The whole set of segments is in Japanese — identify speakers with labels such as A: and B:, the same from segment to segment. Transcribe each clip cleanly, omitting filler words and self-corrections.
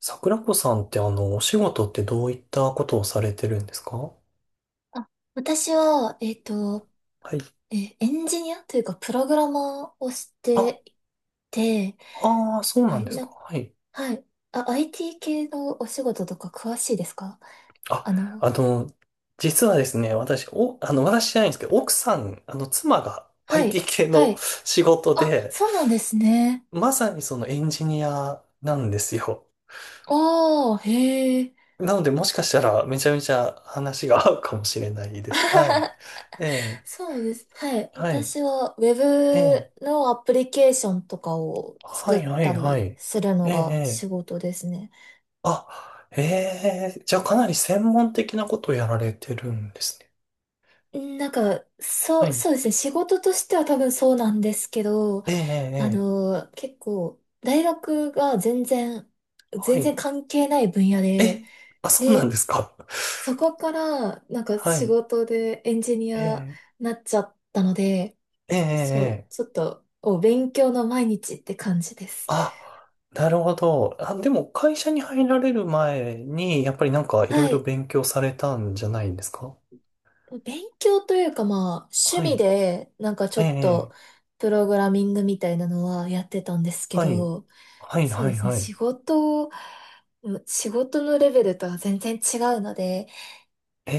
A: 桜子さんってお仕事ってどういったことをされてるんですか？
B: あ、私は、
A: はい。
B: エンジニアというか、プログラマーをし
A: あ、
B: ていて、
A: ああ、そう
B: は
A: なん
B: い、
A: ですか。はい。
B: はい。あ、IT 系のお仕事とか詳しいですか？
A: あ、
B: あ
A: あ
B: の、
A: の、実はですね、私、お、あの、私じゃないんですけど、奥さん、妻が
B: はい、
A: IT 系
B: は
A: の
B: い。
A: 仕事
B: あ、
A: で、
B: そうなんですね。
A: まさにそのエンジニアなんですよ。
B: ああ、へえ。
A: なので、もしかしたらめちゃめちゃ話が合うかもしれないです。はい。ええ、
B: そうです。はい。
A: はい。
B: 私は Web
A: ええ、
B: のアプリケーションとかを
A: は
B: 作っ
A: い、は
B: た
A: い、はい。
B: りするの
A: ええ、
B: が仕
A: え
B: 事ですね。
A: ええ、じゃあかなり専門的なことをやられてるんですね。
B: なんか、
A: は
B: そう、
A: い。
B: そうですね。仕事としては多分そうなんですけど、
A: ええ、ええ、ええ、
B: 結構、大学が全然、
A: は
B: 全然
A: い。
B: 関係ない分野で、
A: え、あ、そうなんで
B: で、
A: すか。
B: そこから、なん か
A: は
B: 仕
A: い。
B: 事でエンジニ
A: え
B: ア
A: え、
B: になっちゃったので、
A: ええ、え
B: そう、
A: え、え
B: ちょ
A: え、
B: っと、勉強の毎日って感じです。
A: あ、なるほど。あ、でも会社に入られる前に、やっぱりなんかいろ
B: は
A: いろ
B: い。
A: 勉強されたんじゃないんですか？
B: 勉強というかまあ、趣
A: は
B: 味
A: い。
B: で、なんかち
A: え
B: ょ
A: え、
B: っ
A: え
B: と、
A: え、
B: プログラミングみたいなのはやってたんですけ
A: はい。
B: ど、
A: はい、
B: そう
A: は
B: で
A: い、
B: すね。
A: はい。
B: 仕事のレベルとは全然違うので、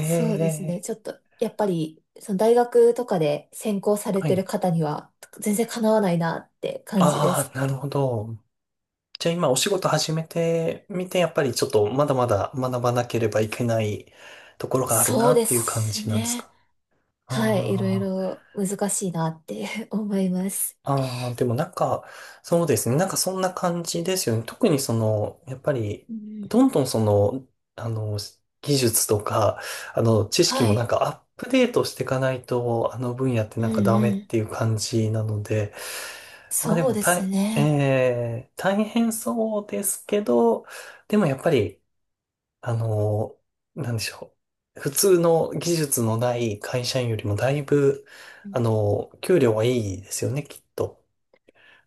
B: そうですね。
A: え、
B: ちょっと、やっぱり、その大学とかで専攻され
A: は
B: て
A: い。
B: る方には、全然かなわないなって感じで
A: あ
B: す。
A: あ、なるほど。じゃあ今お仕事始めてみて、やっぱりちょっとまだまだ学ばなければいけないところがある
B: そ
A: な
B: う
A: っ
B: で
A: ていう感
B: す
A: じなんです
B: ね。
A: か？
B: はい。いろい
A: あ
B: ろ難しいなって 思います。
A: あ、ああ、でもなんか、そうですね。なんかそんな感じですよね。特にその、やっぱり、
B: うん、
A: どんどんその、あの、技術とか、知識
B: は
A: もなん
B: い。
A: かアップデートしていかないと、あの分野って
B: う
A: なんか
B: ん
A: ダ
B: う
A: メっ
B: ん。
A: ていう感じなので、まあで
B: そう
A: も
B: で
A: 大、
B: すね。
A: えー、大変そうですけど、でもやっぱり、あの、なんでしょう。普通の技術のない会社員よりもだいぶ、
B: うん。
A: 給料はいいですよね、きっと。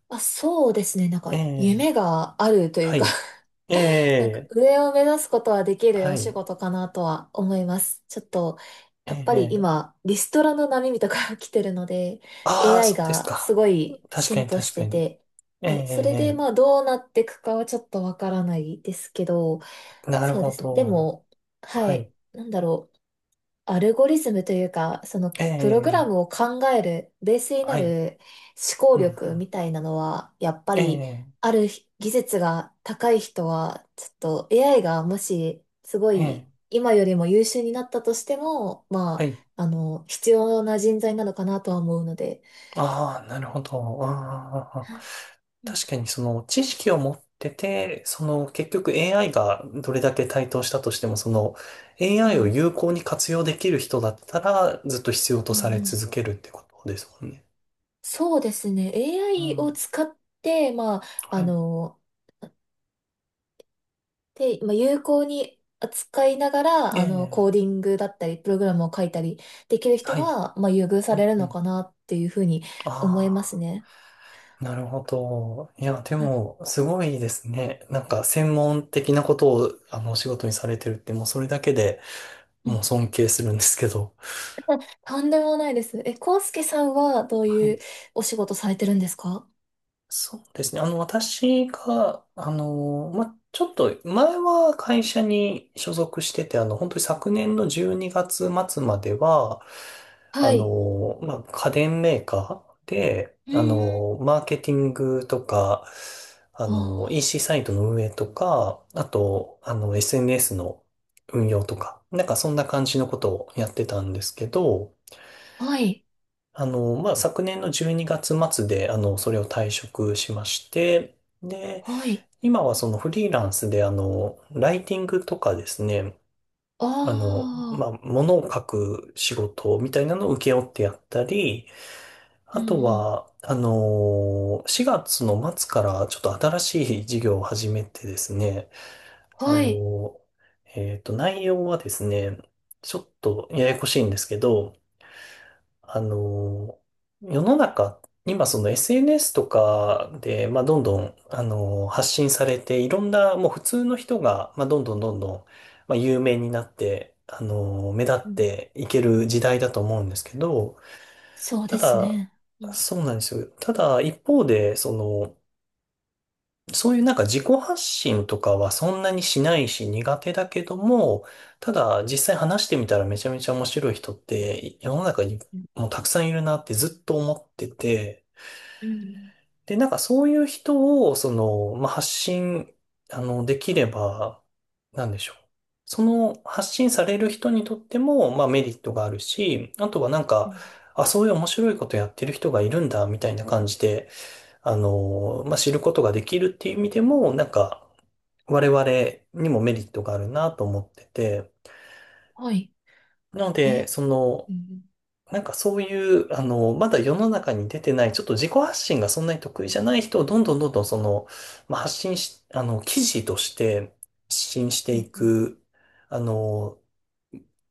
B: あ、そうですね。なん
A: え
B: か、
A: え、
B: 夢があるとい
A: は
B: うか、
A: い。え
B: なんか
A: え、
B: 上を目指すことはできる
A: は
B: お仕
A: い。
B: 事かなとは思います。ちょっと、
A: え
B: やっぱり
A: え、
B: 今、リストラの波とか 来てるので、
A: ああ、
B: AI
A: そうです
B: がす
A: か。
B: ごい
A: 確か
B: 進
A: に
B: 歩し
A: 確か
B: て
A: に。
B: て、
A: ええ、
B: はい。それで、
A: え
B: まあ、どうなっていくかはちょっとわからないですけど、
A: え、なる
B: そう
A: ほ
B: ですね。で
A: ど。
B: も、は
A: はい。
B: い。なんだろう。アルゴリズムというか、その
A: え
B: プログラ
A: え、
B: ムを考えるベースにな
A: はい。
B: る思考
A: うんうん、
B: 力みたいなのは、やっぱ
A: え
B: り
A: え、
B: ある技術が高い人は、ちょっと AI がもしすご
A: ええ、
B: い今よりも優秀になったとしても、
A: は
B: ま
A: い。
B: あ、必要な人材なのかなとは思うので。
A: ああ、なるほど。ああ、
B: うん
A: 確かにその知識を持ってて、その結局 AI がどれだけ台頭したとしても、その
B: う
A: AI を
B: ん
A: 有効に活用できる人だったらずっと必要
B: う
A: と
B: ん
A: され
B: う
A: 続
B: ん。
A: けるってことですもんね。
B: そうですね。
A: う
B: AI を
A: ん。
B: 使って、まあ、
A: は
B: あ
A: い。
B: の、まあ、有効に扱いながら、
A: え
B: コー
A: え。
B: ディングだったり、プログラムを書いたりできる人
A: はい。
B: が、まあ、優遇さ
A: う
B: れ
A: ん
B: る
A: う
B: の
A: ん。
B: かなっていうふうに思います
A: あ
B: ね。
A: あ、なるほど。いや、で
B: はい。
A: も、
B: こ
A: すごいですね。なんか専門的なことを、お仕事にされてるって、もうそれだけで
B: うん。
A: もう尊敬するんですけど。
B: とんでもないです。コウスケさんはどう
A: は
B: い
A: い。
B: うお仕事されてるんですか？
A: そうですね。私が、ちょっと前は会社に所属してて、本当に昨年の12月末までは、
B: はい。
A: 家電メーカーで、
B: うーん、
A: マーケティングとか、
B: あ
A: EC サイトの運営とか、あと、SNS の運用とか、なんかそんな感じのことをやってたんですけど、
B: あ、はい、
A: 昨年の12月末で、それを退職しまして、で、
B: はい。
A: 今はそのフリーランスで、ライティングとかですね、
B: ああ、
A: ものを書く仕事みたいなのを請け負ってやったり、
B: う
A: あと
B: ん、ん。
A: は、4月の末からちょっと新しい事業を始めてですね、あ
B: はい。
A: の、内容はですね、ちょっとややこしいんですけど、あの、世の中、今その SNS とかで、まあ、どんどん、発信されて、いろんな、もう普通の人が、まあ、どんどんどんどん、まあ、有名になって、目立
B: う
A: っ
B: ん、
A: ていける時代だと思うんですけど、
B: そう
A: た
B: です
A: だ、
B: ね。うん、
A: そうなんですよ。ただ、一方で、その、そういうなんか自己発信とかはそんなにしないし苦手だけども、ただ実際話してみたらめちゃめちゃ面白い人って世の中に
B: うん、
A: もうたくさんいるなってずっと思ってて、
B: うん、
A: で、なんかそういう人をその、まあ、できれば、なんでしょう。その発信される人にとっても、まあメリットがあるし、あとはなん
B: う
A: か、
B: ん、
A: あ、そういう面白いことやってる人がいるんだ、みたいな感じで、知ることができるっていう意味でも、なんか、我々にもメリットがあるなと思ってて、
B: はい。
A: なの
B: え、
A: で、その、
B: うん、うん、
A: なんかそういうまだ世の中に出てない、ちょっと自己発信がそんなに得意じゃない人をどんどんどんどんその、まあ、発信し、あの、記事として発信して
B: うん
A: い
B: うん。
A: く、あの、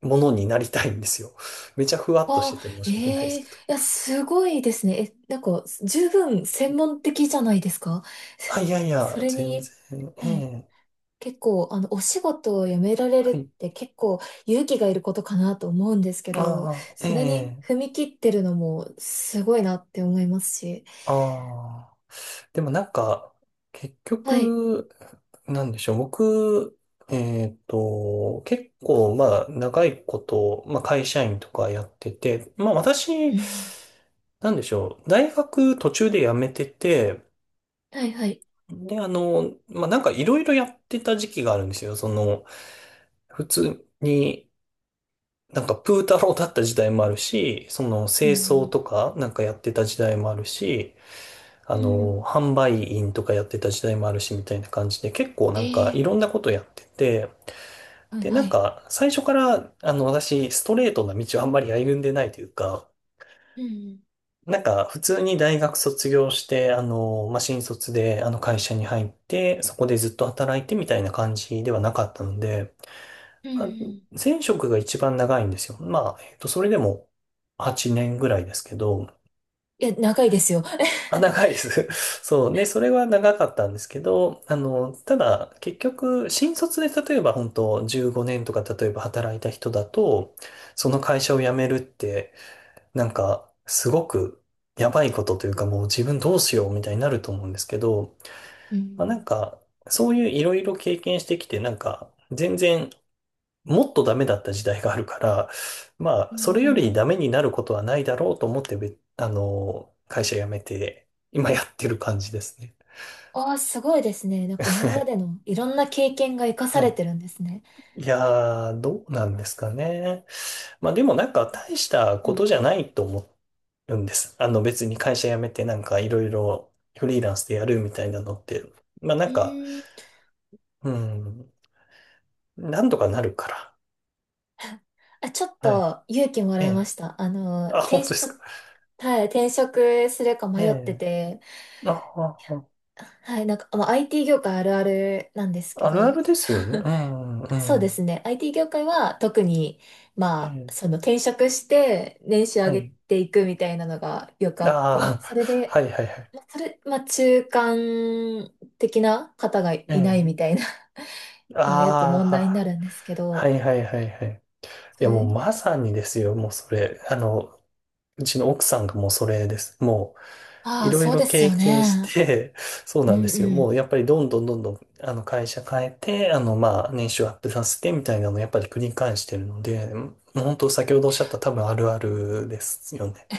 A: ものになりたいんですよ。めちゃふわっとし
B: ああ、
A: てて申
B: え
A: し訳ないです
B: え、
A: け
B: い
A: ど。
B: や、すごいですね。なんか、十分専門的じゃないですか？
A: あ、いやい
B: そ
A: や、
B: それ
A: 全
B: に、
A: 然、え
B: はい、
A: え、
B: 結構、お仕事を辞められるっ
A: はい。
B: て結構勇気がいることかなと思うんですけど、
A: ああ、
B: それに
A: ええ、
B: 踏み切ってるのもすごいなって思いますし。
A: ああ。でもなんか、結
B: はい。
A: 局、なんでしょう。僕、結構、まあ、長いこと、まあ、会社員とかやってて、まあ、
B: う
A: 私、
B: ん、
A: なんでしょう。大学途中で辞めてて、
B: はい、はい。
A: で、なんかいろいろやってた時期があるんですよ。その、普通に、なんかプータローだった時代もあるし、その、
B: う
A: 清掃
B: ん、
A: とかなんかやってた時代もあるし、
B: うん。
A: 販売員とかやってた時代もあるし、みたいな感じで、結構な
B: え
A: んか
B: え、
A: いろんなことやってて、
B: はい、
A: で、な
B: は
A: ん
B: い。
A: か最初から、私、ストレートな道をあんまり歩んでないというか、
B: うん、
A: なんか普通に大学卒業して、新卒であの会社に入って、そこでずっと働いてみたいな感じではなかったので、
B: う
A: まあ
B: ん、い
A: 前職が一番長いんですよ。まあ、それでも8年ぐらいですけど、
B: や、長いですよ。
A: あ、長いで す。そうね、それは長かったんですけど、ただ、結局、新卒で例えば本当15年とか例えば働いた人だと、その会社を辞めるって、なんか、すごくやばいことというか、もう自分どうしようみたいになると思うんですけど、
B: う
A: まあなん
B: ん、
A: か、そういういろいろ経験してきて、なんか、全然もっとダメだった時代があるから、まあ、
B: うん、
A: それ
B: う
A: より
B: ん。
A: ダメになることはないだろうと思って、べあの、会社辞めて、今やってる感じですね。
B: ああ、すごいですね。なんか今まで のいろんな経験が活かさ
A: は
B: れ
A: い。
B: てるんですね。
A: いやー、どうなんですかね。まあでもなんか大した
B: う
A: こ
B: ん。
A: とじゃないと思うんです。あの別に会社辞めてなんかいろいろフリーランスでやるみたいなのって、まあな
B: う
A: んか、
B: ーん。
A: うん、なんとかなるから。
B: あ、ちょっ
A: はい。
B: と勇気も
A: え
B: らいま
A: え。
B: した。
A: あ、本当ですか。
B: 転職するか
A: え
B: 迷って
A: え。
B: て、
A: あ、あ、あ、
B: はい、なんか、まあ、IT 業界あるあるなんですけ
A: あるあ
B: ど、
A: るですよ ね。
B: そう
A: うん、う
B: そうです
A: ん。
B: ね。IT 業界は特に、
A: え
B: ま
A: え、
B: あ、その転職して年収上
A: は
B: げ
A: い。
B: ていくみたいなのがよくあって、
A: ああ、
B: それ
A: は
B: で、
A: いはいはい。
B: まあ、中間的な方がい
A: え
B: ない
A: え、
B: みたいなのがよく問題にな
A: あ
B: るんですけ
A: あ、は
B: ど、
A: いはいはいはい。い
B: そ
A: やも
B: れ
A: うまさにですよ、もうそれ。うちの奥さんがもうそれです。もう
B: あ
A: い
B: あ、
A: ろい
B: そう
A: ろ
B: です
A: 経
B: よ
A: 験し
B: ね。
A: て、そう
B: う
A: なんで
B: ん
A: すよ。
B: う
A: もう
B: ん。
A: やっぱりどんどんどんどん、あの会社変えて、あのまあ年収アップさせてみたいなのをやっぱり繰り返してるので、もう本当先ほどおっしゃった多分あるあるですよね。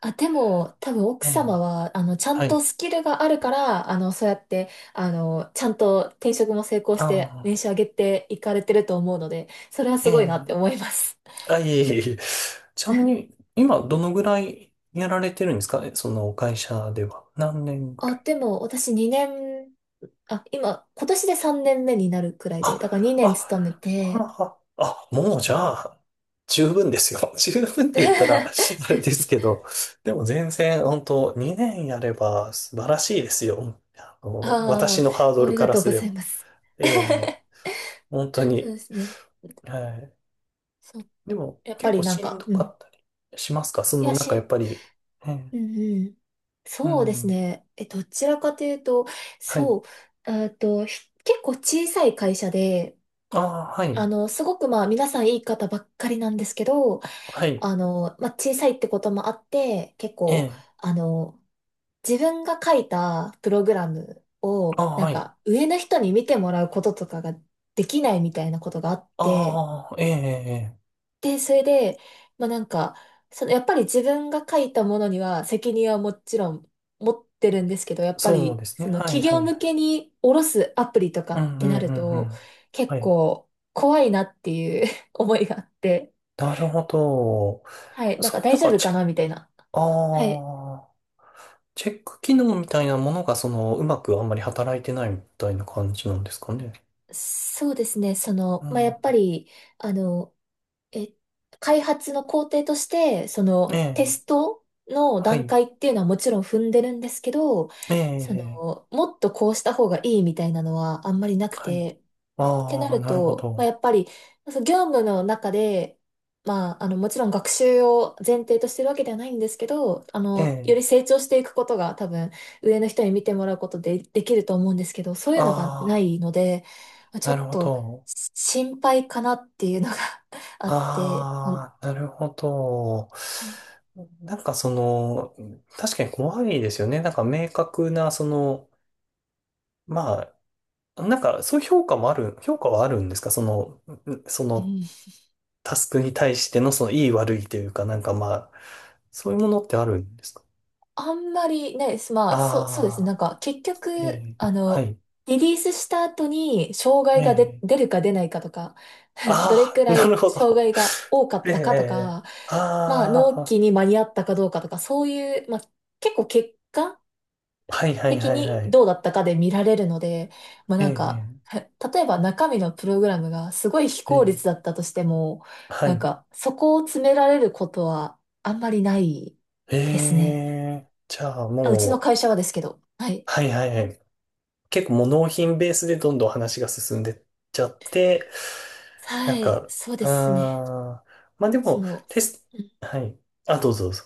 B: あ、でも、多分奥
A: ええ、
B: 様は、ちゃ
A: は
B: んと
A: い。
B: スキルがあるから、そうやって、ちゃんと転職も成功
A: あ
B: して、年
A: あ、
B: 収上げていかれてると思うので、それは
A: え
B: すごいなって
A: え。
B: 思います。
A: あ、いえいえいえ。ちなみに、今、どのぐらいやられてるんですかその会社では。何年 ぐら
B: あ、
A: い、
B: でも、私2年、今、年で3年目になるくらいで、だから
A: あ、あ、
B: 2年勤めて、
A: あ、あ、あもうじゃあ、十分ですよ。十分って言ったら、あ れですけど、でも全然、本当2年やれば素晴らしいですよ。私
B: あ
A: のハード
B: あ、あ
A: ル
B: り
A: か
B: が
A: ら
B: とう
A: す
B: ご
A: れ
B: ざい
A: ば。
B: ます。
A: ええ、本当
B: そう
A: に。
B: ですね。
A: はい。
B: そう、
A: でも、
B: やっぱ
A: 結構
B: りなん
A: しん
B: か、
A: ど
B: う
A: か
B: ん。
A: ったりしますかそ
B: い
A: の、
B: や、
A: なんかやっぱり、ええ、
B: うんうん。
A: う
B: そうです
A: ん。
B: ね。どちらかというと、
A: はい。
B: そう、結構小さい会社で、
A: ああ、はい。
B: すごくまあ皆さんいい方ばっかりなんですけど、
A: はい。
B: まあ小さいってこともあって、結
A: え
B: 構、
A: え。
B: あの、自分が書いたプログラムを、
A: ああ、
B: なん
A: はい。
B: か上の人に見てもらうこととかができないみたいなことがあって、
A: ああ、ええ、ええ。
B: それで、まあなんか、そのやっぱり自分が書いたものには責任はもちろん持ってるんですけど、やっぱ
A: そうで
B: り
A: す
B: そ
A: ね。
B: の
A: はい、
B: 企
A: はい、
B: 業
A: は
B: 向
A: い。
B: けに下ろすアプリとか
A: う
B: っ
A: ん、う
B: て
A: ん、
B: な
A: う
B: る
A: ん、う
B: と、
A: ん。は
B: 結
A: い。
B: 構怖いなっていう 思いがあって、
A: なるほど。
B: はい、なん
A: そ
B: か
A: ういうな
B: 大
A: ん
B: 丈
A: か
B: 夫
A: チ
B: か
A: ェッ
B: な
A: ク、
B: みたいな。はい。
A: ああ、チェック機能みたいなものが、その、うまくあんまり働いてないみたいな感じなんですかね。
B: そうですね、そ
A: う
B: の、まあや
A: ん。
B: っぱり、あの、え、開発の工程として、そ
A: え
B: のテ
A: え、
B: ストの
A: は
B: 段
A: い。
B: 階っていうのはもちろん踏んでるんですけど、
A: え
B: そ
A: え、
B: の、もっとこうした方がいいみたいなのはあんまりなく
A: はい。
B: て、って
A: あ
B: な
A: あ、
B: る
A: なるほ
B: と、まあ、
A: ど。
B: やっぱり、その業務の中で、まあ、もちろん学習を前提としてるわけではないんですけど、
A: え
B: よ
A: え、
B: り成長していくことが多分、上の人に見てもらうことでできると思うんですけど、そういうのがな
A: あ
B: いので、まあ、
A: あ、
B: ちょ
A: なる
B: っ
A: ほ
B: と、
A: ど。
B: 心配かなっていうのが あって、うん、
A: ああ、なるほど。
B: はい。
A: なんかその、確かに怖いですよね。なんか明確な、その、まあ、なんかそういう評価はあるんですかその、んそ
B: う
A: の
B: ん。
A: タスクに対してのその良い悪いというか、なんかまあ、そういうものってあるんですか？
B: あんまりね、まあ、そうですね。なん
A: あ
B: か、結
A: あー、え
B: 局、
A: え、はい、
B: リリースした後に、障
A: え
B: 害が出、
A: え、
B: 出るか出ないかとか、どれ
A: あ
B: く
A: あ、
B: ら
A: なる
B: い
A: ほ
B: 障
A: ど。
B: 害が多か っ
A: え
B: たかと
A: え、
B: か、まあ、
A: あ
B: 納期
A: あ、
B: に間に合ったかどうかとか、そういう、まあ、結構結果
A: はいはい
B: 的
A: はい
B: に
A: はい。
B: どうだったかで見られるので、まあ
A: え
B: なんか、
A: え、
B: 例えば中身のプログラムがすごい非
A: え
B: 効率だ
A: え、
B: ったとしても、
A: は
B: なん
A: い。
B: か、そこを詰められることはあんまりないです
A: え
B: ね。
A: え、じゃあ
B: あ、うちの
A: も
B: 会社はですけど。はい。
A: う、はいはいはい。結構もう納品ベースでどんどん話が進んでっちゃって、な
B: は
A: ん
B: い、
A: か、
B: そうですね。
A: あー、まあで
B: そ
A: も、
B: の、
A: テス
B: うん
A: ト、はい。あ、どうぞどうぞ。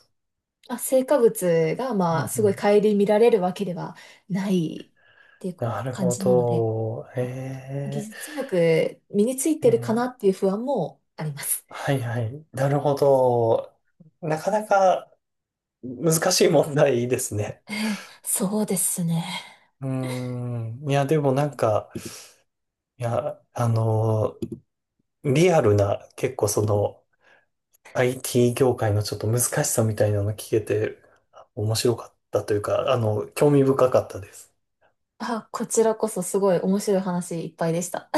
B: あ、成果物が、
A: うん
B: まあ、
A: う
B: すごい
A: ん、
B: 顧みられるわけではないっていう
A: なる
B: 感
A: ほ
B: じなので、
A: ど。
B: はい、
A: え
B: 技術力身につい
A: え、え
B: てるかなっ
A: ー、
B: ていう不安もあります。
A: はいはい。なるほど。なかなか難しい問題ですね。
B: そうですね。
A: うーん。いや、でもなんか、いや、リアルな、結構その、IT 業界のちょっと難しさみたいなの聞けて、面白かったというか、興味深かったです。
B: あ、こちらこそすごい面白い話いっぱいでした。